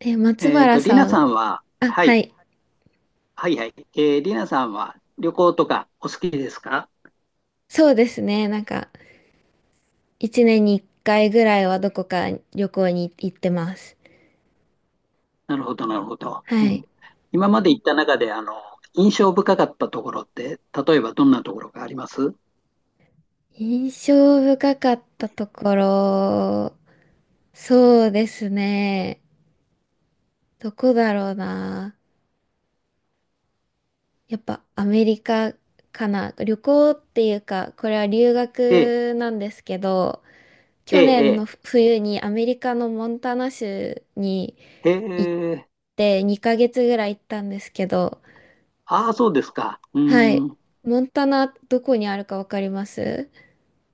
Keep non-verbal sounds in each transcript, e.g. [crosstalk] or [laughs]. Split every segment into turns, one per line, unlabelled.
え、松原
リナ
さん、
さんは、
あ、
は
は
い、
い。
はいはい。リナさんは旅行とかお好きですか？
そうですね。一年に一回ぐらいはどこか旅行に行ってます。
なるほど、なるほど。
は
う
い。
ん、今まで行った中で、印象深かったところって、例えばどんなところがあります？
印象深かったところ、そうですね。どこだろうな。やっぱアメリカかな。旅行っていうか、これは留
ええ、
学なんですけど、
え
去年の
え、
冬にアメリカのモンタナ州に
ええ、
行っ
へえ。
て2ヶ月ぐらい行ったんですけど、
ああ、そうですか。う
はい。
ん、
モンタナ、どこにあるかわかります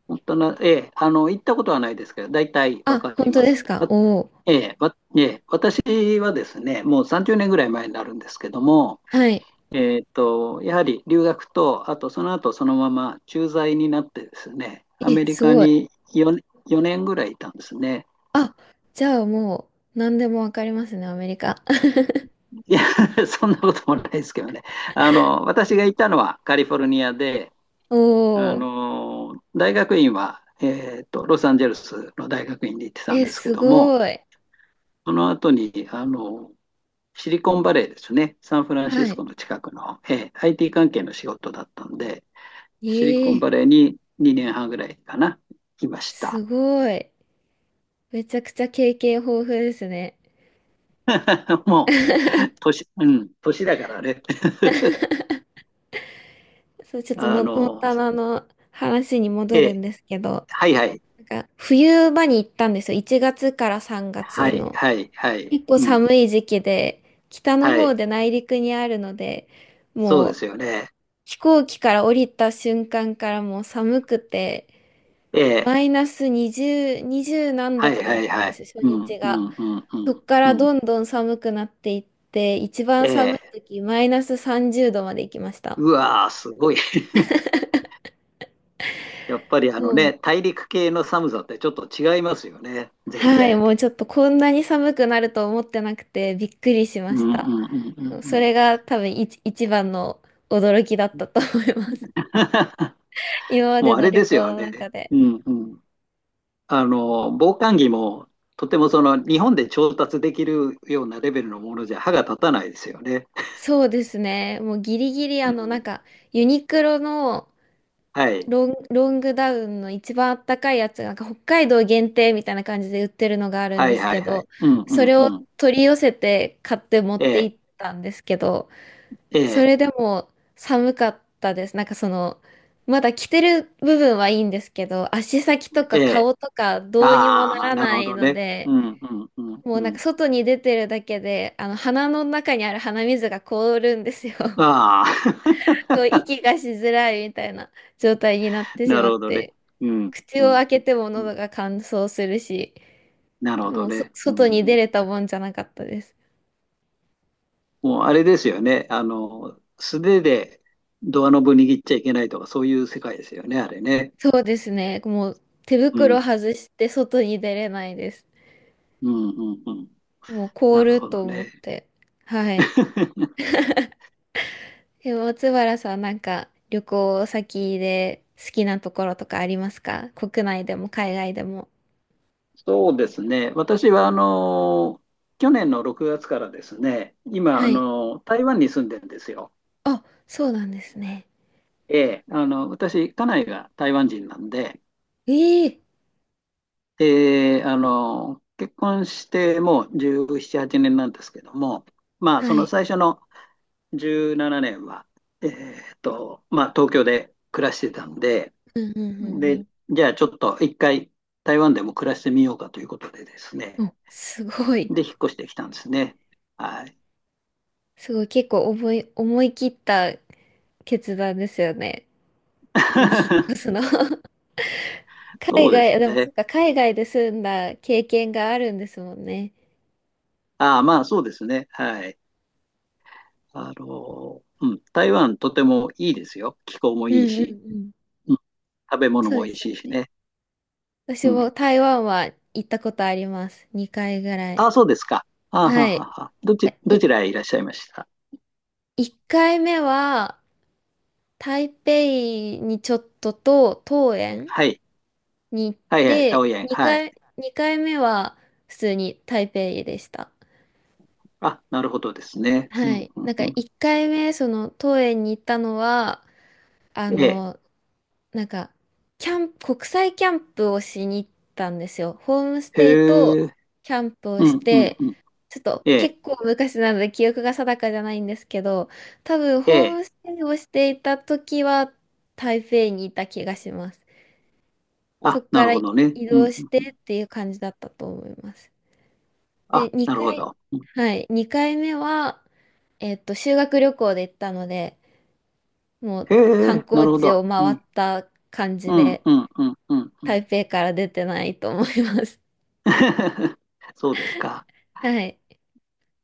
本当な、ええ、行ったことはないですけど、大体わ
あ、
かり
本当
ま
で
す。
すか？
わ
おおー。
ええ、わええ、私はですね、もう30年ぐらい前になるんですけども、
はい。
やはり留学と、あとその後そのまま駐在になってですね、ア
え、
メリ
す
カ
ごい。
に4年ぐらいいたんですね。
あ、じゃあもう、何でもわかりますね、アメリカ。
いや、[laughs] そんなこともないですけどね。私がいたのはカリフォルニアで、
[laughs] おお。
大学院は、ロサンゼルスの大学院に行ってたん
え、
ですけ
す
ども、
ごい。
その後に、シリコンバレーですね、サンフランシ
は
スコ
い。
の近くの、IT 関係の仕事だったんで、
え
シリコン
え、
バレーに2年半ぐらいかな、いまし
す
た。
ごい。めちゃくちゃ経験豊富ですね。
[laughs] もう、年、うん、年だからね。
そう、ち
[laughs]
ょっと
あ
モン
の、
タナの話に
え
戻るん
え、
ですけど、
はいはい、
冬場に行ったんですよ。1月から3
は
月
い、
の。
はい、はい、
結構
うん、
寒い時期で、北の
は
方
い、
で内陸にあるので、
そう
も
で
う
すよね。
飛行機から降りた瞬間からもう寒くて、
え
マ
え、
イナス20何
は
度と
い、
か
は
だっ
い、
たん
は
で
い、
すよ、初
うん、
日
う
が。
ん、うん、う
そっ
ん、
から
う
ど
ん、
んどん寒くなっていって、一番
え
寒い
え、
時、マイナス30度まで行きました。
うわー、すごい。[laughs] やっぱりあの
も
ね、
う、
大陸系の寒さってちょっと違いますよね、全
はい、
然。
もうちょっとこんなに寒くなると思ってなくてびっくりしま
うん、う
し
ん、う
た。
ん、う
そ
ん、
れが多分一番の驚きだっ
うん。
たと思います。
[laughs]
今まで
もうあ
の
れ
旅
です
行
よ、あ
の中
れ。
で。
うんうん。防寒着も、とてもその、日本で調達できるようなレベルのものじゃ歯が立たないですよね。
そうですね。もうギリギリあ
う
のなん
ん。
かユニクロの
はい。
ロングダウンの一番あったかいやつがなんか北海道限定みたいな感じで売ってるのがあるん
は
で
い
す
はい
け
は
ど、
い。うん
そ
うん
れを
うん。
取り寄せて買って持っ
え
て
え、
行ったんですけど、
え
そ
え、
れでも寒かったです。なんかその、まだ着てる部分はいいんですけど、足先と
え
か
え。
顔とかどうにもな
ああ、
ら
なる
な
ほ
い
ど
の
ね。う
で、
んうんうん
も
う
うなんか
ん。
外に出てるだけで、あの鼻の中にある鼻水が凍るんですよ。[laughs]
ああ、
そう息がしづらいみたいな状態になっ
[laughs]
てし
な
ま
る
っ
ほどね。
て、
うん
口
う
を
ん
開
う
け
ん。
ても
うん
喉が乾燥するし、
なるほど
もうそ
ね。う
外に出
ん。
れたもんじゃなかったです。
もうあれですよね。素手でドアノブ握っちゃいけないとか、そういう世界ですよね、あれね。
そうですね。もう手
う
袋
ん。
外して外に出れないです。
うん、うん、うん。
もう凍
なる
る
ほど
と思っ
ね。
て。はい。
[laughs]
でも松原さんなんか旅行先で好きなところとかありますか？国内でも海外でも。
そうですね。私は、去年の6月からですね、今、
はい。
台湾に住んでるんですよ。
あ、そうなんですね。
ええ、私、家内が台湾人なんで、
ええ
で、結婚してもう17、8年なんですけども、まあ、そ
は
の
い。
最初の17年は、まあ、東京で暮らしてたんで、
うんうんう
で、
ん
じゃあちょっと一回台湾でも暮らしてみようかということでですね。
うん。お、すごい。
で、引っ越してきたんですね。はい。
すごい。結構思い切った決断ですよね。その引っ越す
[laughs]
の。[laughs] 海
そうで
外、
す
でもそっ
ね。
か、海外で住んだ経験があるんですもんね。
ああ、まあそうですね。はい。うん、台湾とてもいいですよ。気候も
う
いい
んうん
し、
うん。
うん、食べ物
そう
も
で
美
す。
味しいしね。
私
う
も
ん。
台湾は行ったことあります。2回ぐらい。
ああ、そうですか。ああ、は
は
あ
い。
はあはあ
が
ど
い、
ちらへいらっしゃいました？
1回目は台北にちょっとと桃園
はい。
に行っ
はいはい、
て、
桃園。は
2
い。
回、2回目は普通に台北でした。
あ、なるほどですね。う
は
ん、
い。
う
なん
ん、
か
うん。
1回目、その桃園に行ったのは、あ
ええ。
の、なんか、キャンプ、国際キャンプをしに行ったんですよ。ホームステイと
へえ。
キャンプを
う
し
ん、うん、
て、
うん。
ちょっと
え
結
え。
構昔なので記憶が定かじゃないんですけど、多分
え
ホー
え。
ムステイをしていた時は台北にいた気がします。そ
あ、
こ
な
か
る
ら
ほどね。
移
う
動
ん、う
し
ん、う
て
ん。
っていう感じだったと思います。で、
あ、なる
2
ほ
回、
ど。うん
はい、2回目は、修学旅行で行ったので、もう
へ
観
え、な
光
るほ
地
ど。
を
う
回っ
ん、
た感じ
うん、
で、
うん、うん、うん。うん
台北から出てないと思います。
[laughs] そうですか。
はい。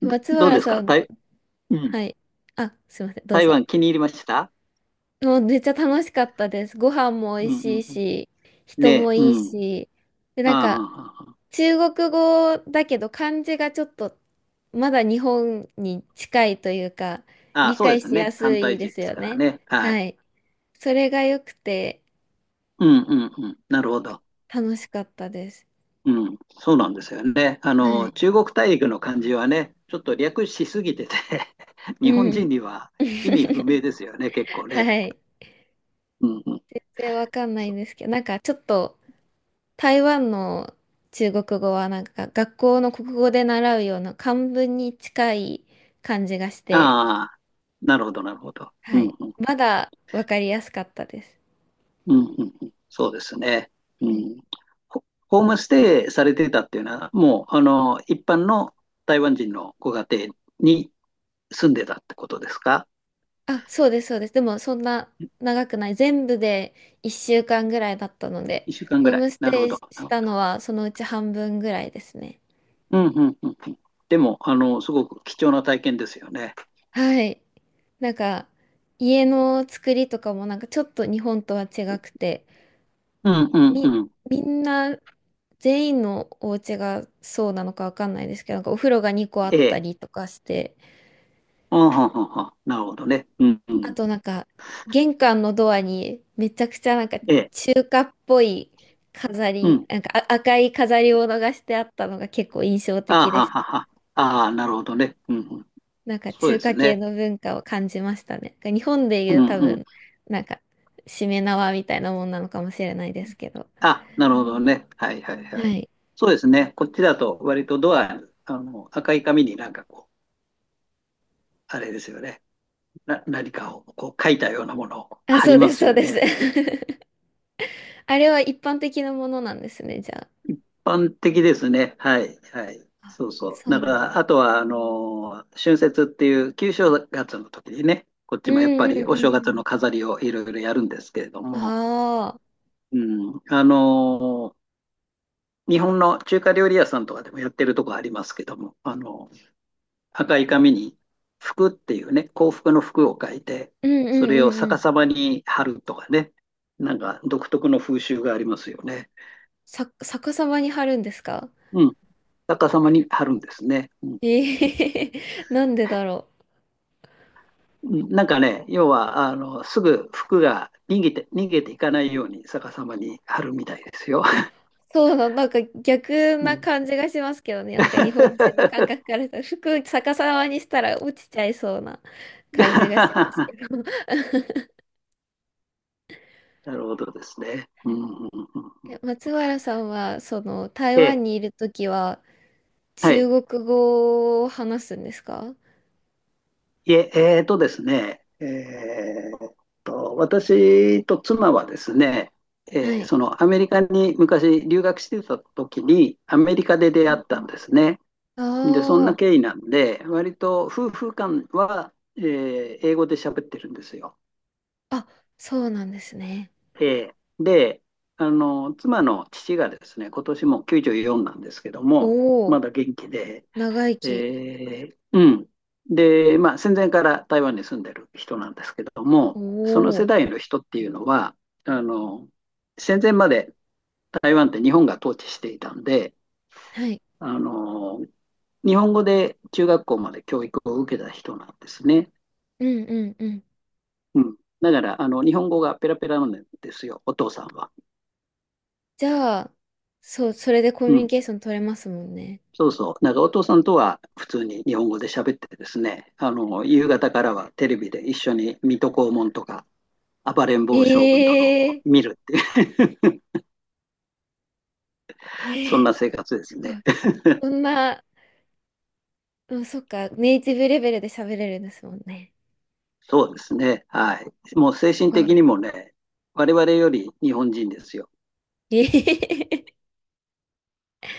松
どう
原
です
さ
か、
ん、
うん。
はい。あ、すいません、どう
台
ぞ。
湾気に入りました？
もうめっちゃ楽しかったです。ご飯も
う
美味
ん、う
しい
ん、うん。
し、
ね
人
え、
も
う
いい
ん。
し。で、
あ
なん
あ、
か、
ああ、あ
中国語だけど漢字がちょっと、まだ日本に近いというか、
あ、ああ
理
そう
解
です
しや
ね。
す
反
い
対
で
勢で
す
す
よ
から
ね。
ね。は
は
い。
い。それが良くて
うん、うん、うん。なるほど。
楽しかったです。
うん、そうなんですよね。
はい。
中国大陸の漢字はね、ちょっと略しすぎてて [laughs] 日
う
本人
ん。
には意味不明
[laughs]
ですよね、結構ね。
はい。
うんうん、
全然わかんな
そ
い
う。
んですけど、なんかちょっと、台湾の中国語はなんか学校の国語で習うような漢文に近い感じがし
あ
て、
あ、なるほど、なるほど。う
は
ん
い。
うん、
まだわかりやすかったです。
うんうんうん、そうですね。う
はい。
ん、ホームステイされてたっていうのは、もう、一般の台湾人のご家庭に住んでたってことですか
あ、そうです、そうです。でもそんな長くない。全部で1週間ぐらいだったので、
?1 週間ぐ
ホー
らい。
ムス
なる
テ
ほ
イ
ど、な
し
るほ
た
ど。
のはそのうち半分ぐらいですね。
うんうんうんうん。でも、すごく貴重な体験ですよね。
はい。なんか家の作りとかもなんかちょっと日本とは違くて、
うんうんう
み、
ん。
みんな、全員のお家がそうなのかわかんないですけど、なんかお風呂が2個あ
え
った
え。
りとかして、
あははは。なるほどね。うんう
あ
ん。
となんか玄関のドアにめちゃくちゃなんか
ええ。
中華っぽい飾
う
り、
ん。
なんかあ赤い飾りを逃してあったのが結構印象
あ
的で
は
し
は
た。
は。ああ、なるほどね。うんうん。
なんか
そう
中
です
華系
ね。
の文化を感じましたね。なんか日本でい
う
う
ん
多
うん。
分、なんかしめ縄みたいなもんなのかもしれないですけど。
あ、なるほどね。はいはい
は
はい。
い。
そうですね。こっちだと割とドアに、赤い紙になんかこう、あれですよね。何かをこう書いたようなものを
あ、
貼
そ
り
う
ま
です、
す
そう
よ
です。
ね。
[laughs] あれは一般的なものなんですね、じゃ
般的ですね。はい。はい。
あ。あ、
そうそ
そ
う。
う
だか
なん
ら、
だ。
あとは、春節っていう旧正月の時にね、こっ
う
ちもやっぱ
んうん
りお
う
正
んう
月
ん。
の飾りをいろいろやるんですけれども、
ああ、
うん。日本の中華料理屋さんとかでもやってるとこありますけども、赤い紙に福っていうね、幸福の福を書いて、
うんう
それ
んう
を
んう
逆
ん。
さまに貼るとかね、なんか独特の風習がありますよね。
さ、逆さまに貼るんですか？
うん。逆さまに貼るんですね。うん
ええ [laughs] なんでだろう。
なんかね、要は、すぐ服が逃げていかないように逆さまに貼るみたいですよ。
あ、そうな、なんか逆
う
な
ん
感じがしますけどね。なんか日本人の感覚
[laughs]
からすると、服逆さまにしたら落ちちゃいそうな感じがしますけ
な
ど。[laughs]
るほどですね。うん
え松原さんは、その、台湾
え
にいるときは、
は
中
い。
国語を話すんですか？
えー、えーとですね、えーっと、私と妻はですね、
はい。
アメリカに昔留学してた時に、アメリカで出
う
会
ん
っ
う
たん
ん。
ですね。で、そんな
あ
経緯なんで、割と夫婦間は、英語で喋ってるんですよ。
あ、あ、そうなんですね。
えで、妻の父がですね、今年もう94なんですけども、
おお、
まだ元気で、
長生き。
うん。で、まあ、戦前から台湾に住んでる人なんですけども、
お
その世
お、
代の人っていうのは、あの、戦前まで台湾って日本が統治していたんで、
はい。
あの、日本語で中学校まで教育を受けた人なんですね。
うんうんうん。
うん。だから、日本語がペラペラなんですよ、お父さんは。
じゃあ、そう、それでコミ
う
ュニ
ん。
ケーション取れますもんね。
そうそう。なんかお父さんとは普通に日本語で喋ってですね、夕方からはテレビで一緒に水戸黄門とか、暴れん坊将
え
軍とかを
え
見るっていう、[laughs] そ
え
ん
え
な生活ですね。
あこんな、うんそっか、ネイティブレベルで喋れるんですもんね。
そうですね。はい。もう精
す
神
ご
的
い。
にもね、我々より日本人ですよ。
ええ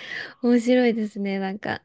[laughs] 面白いですね、なんか。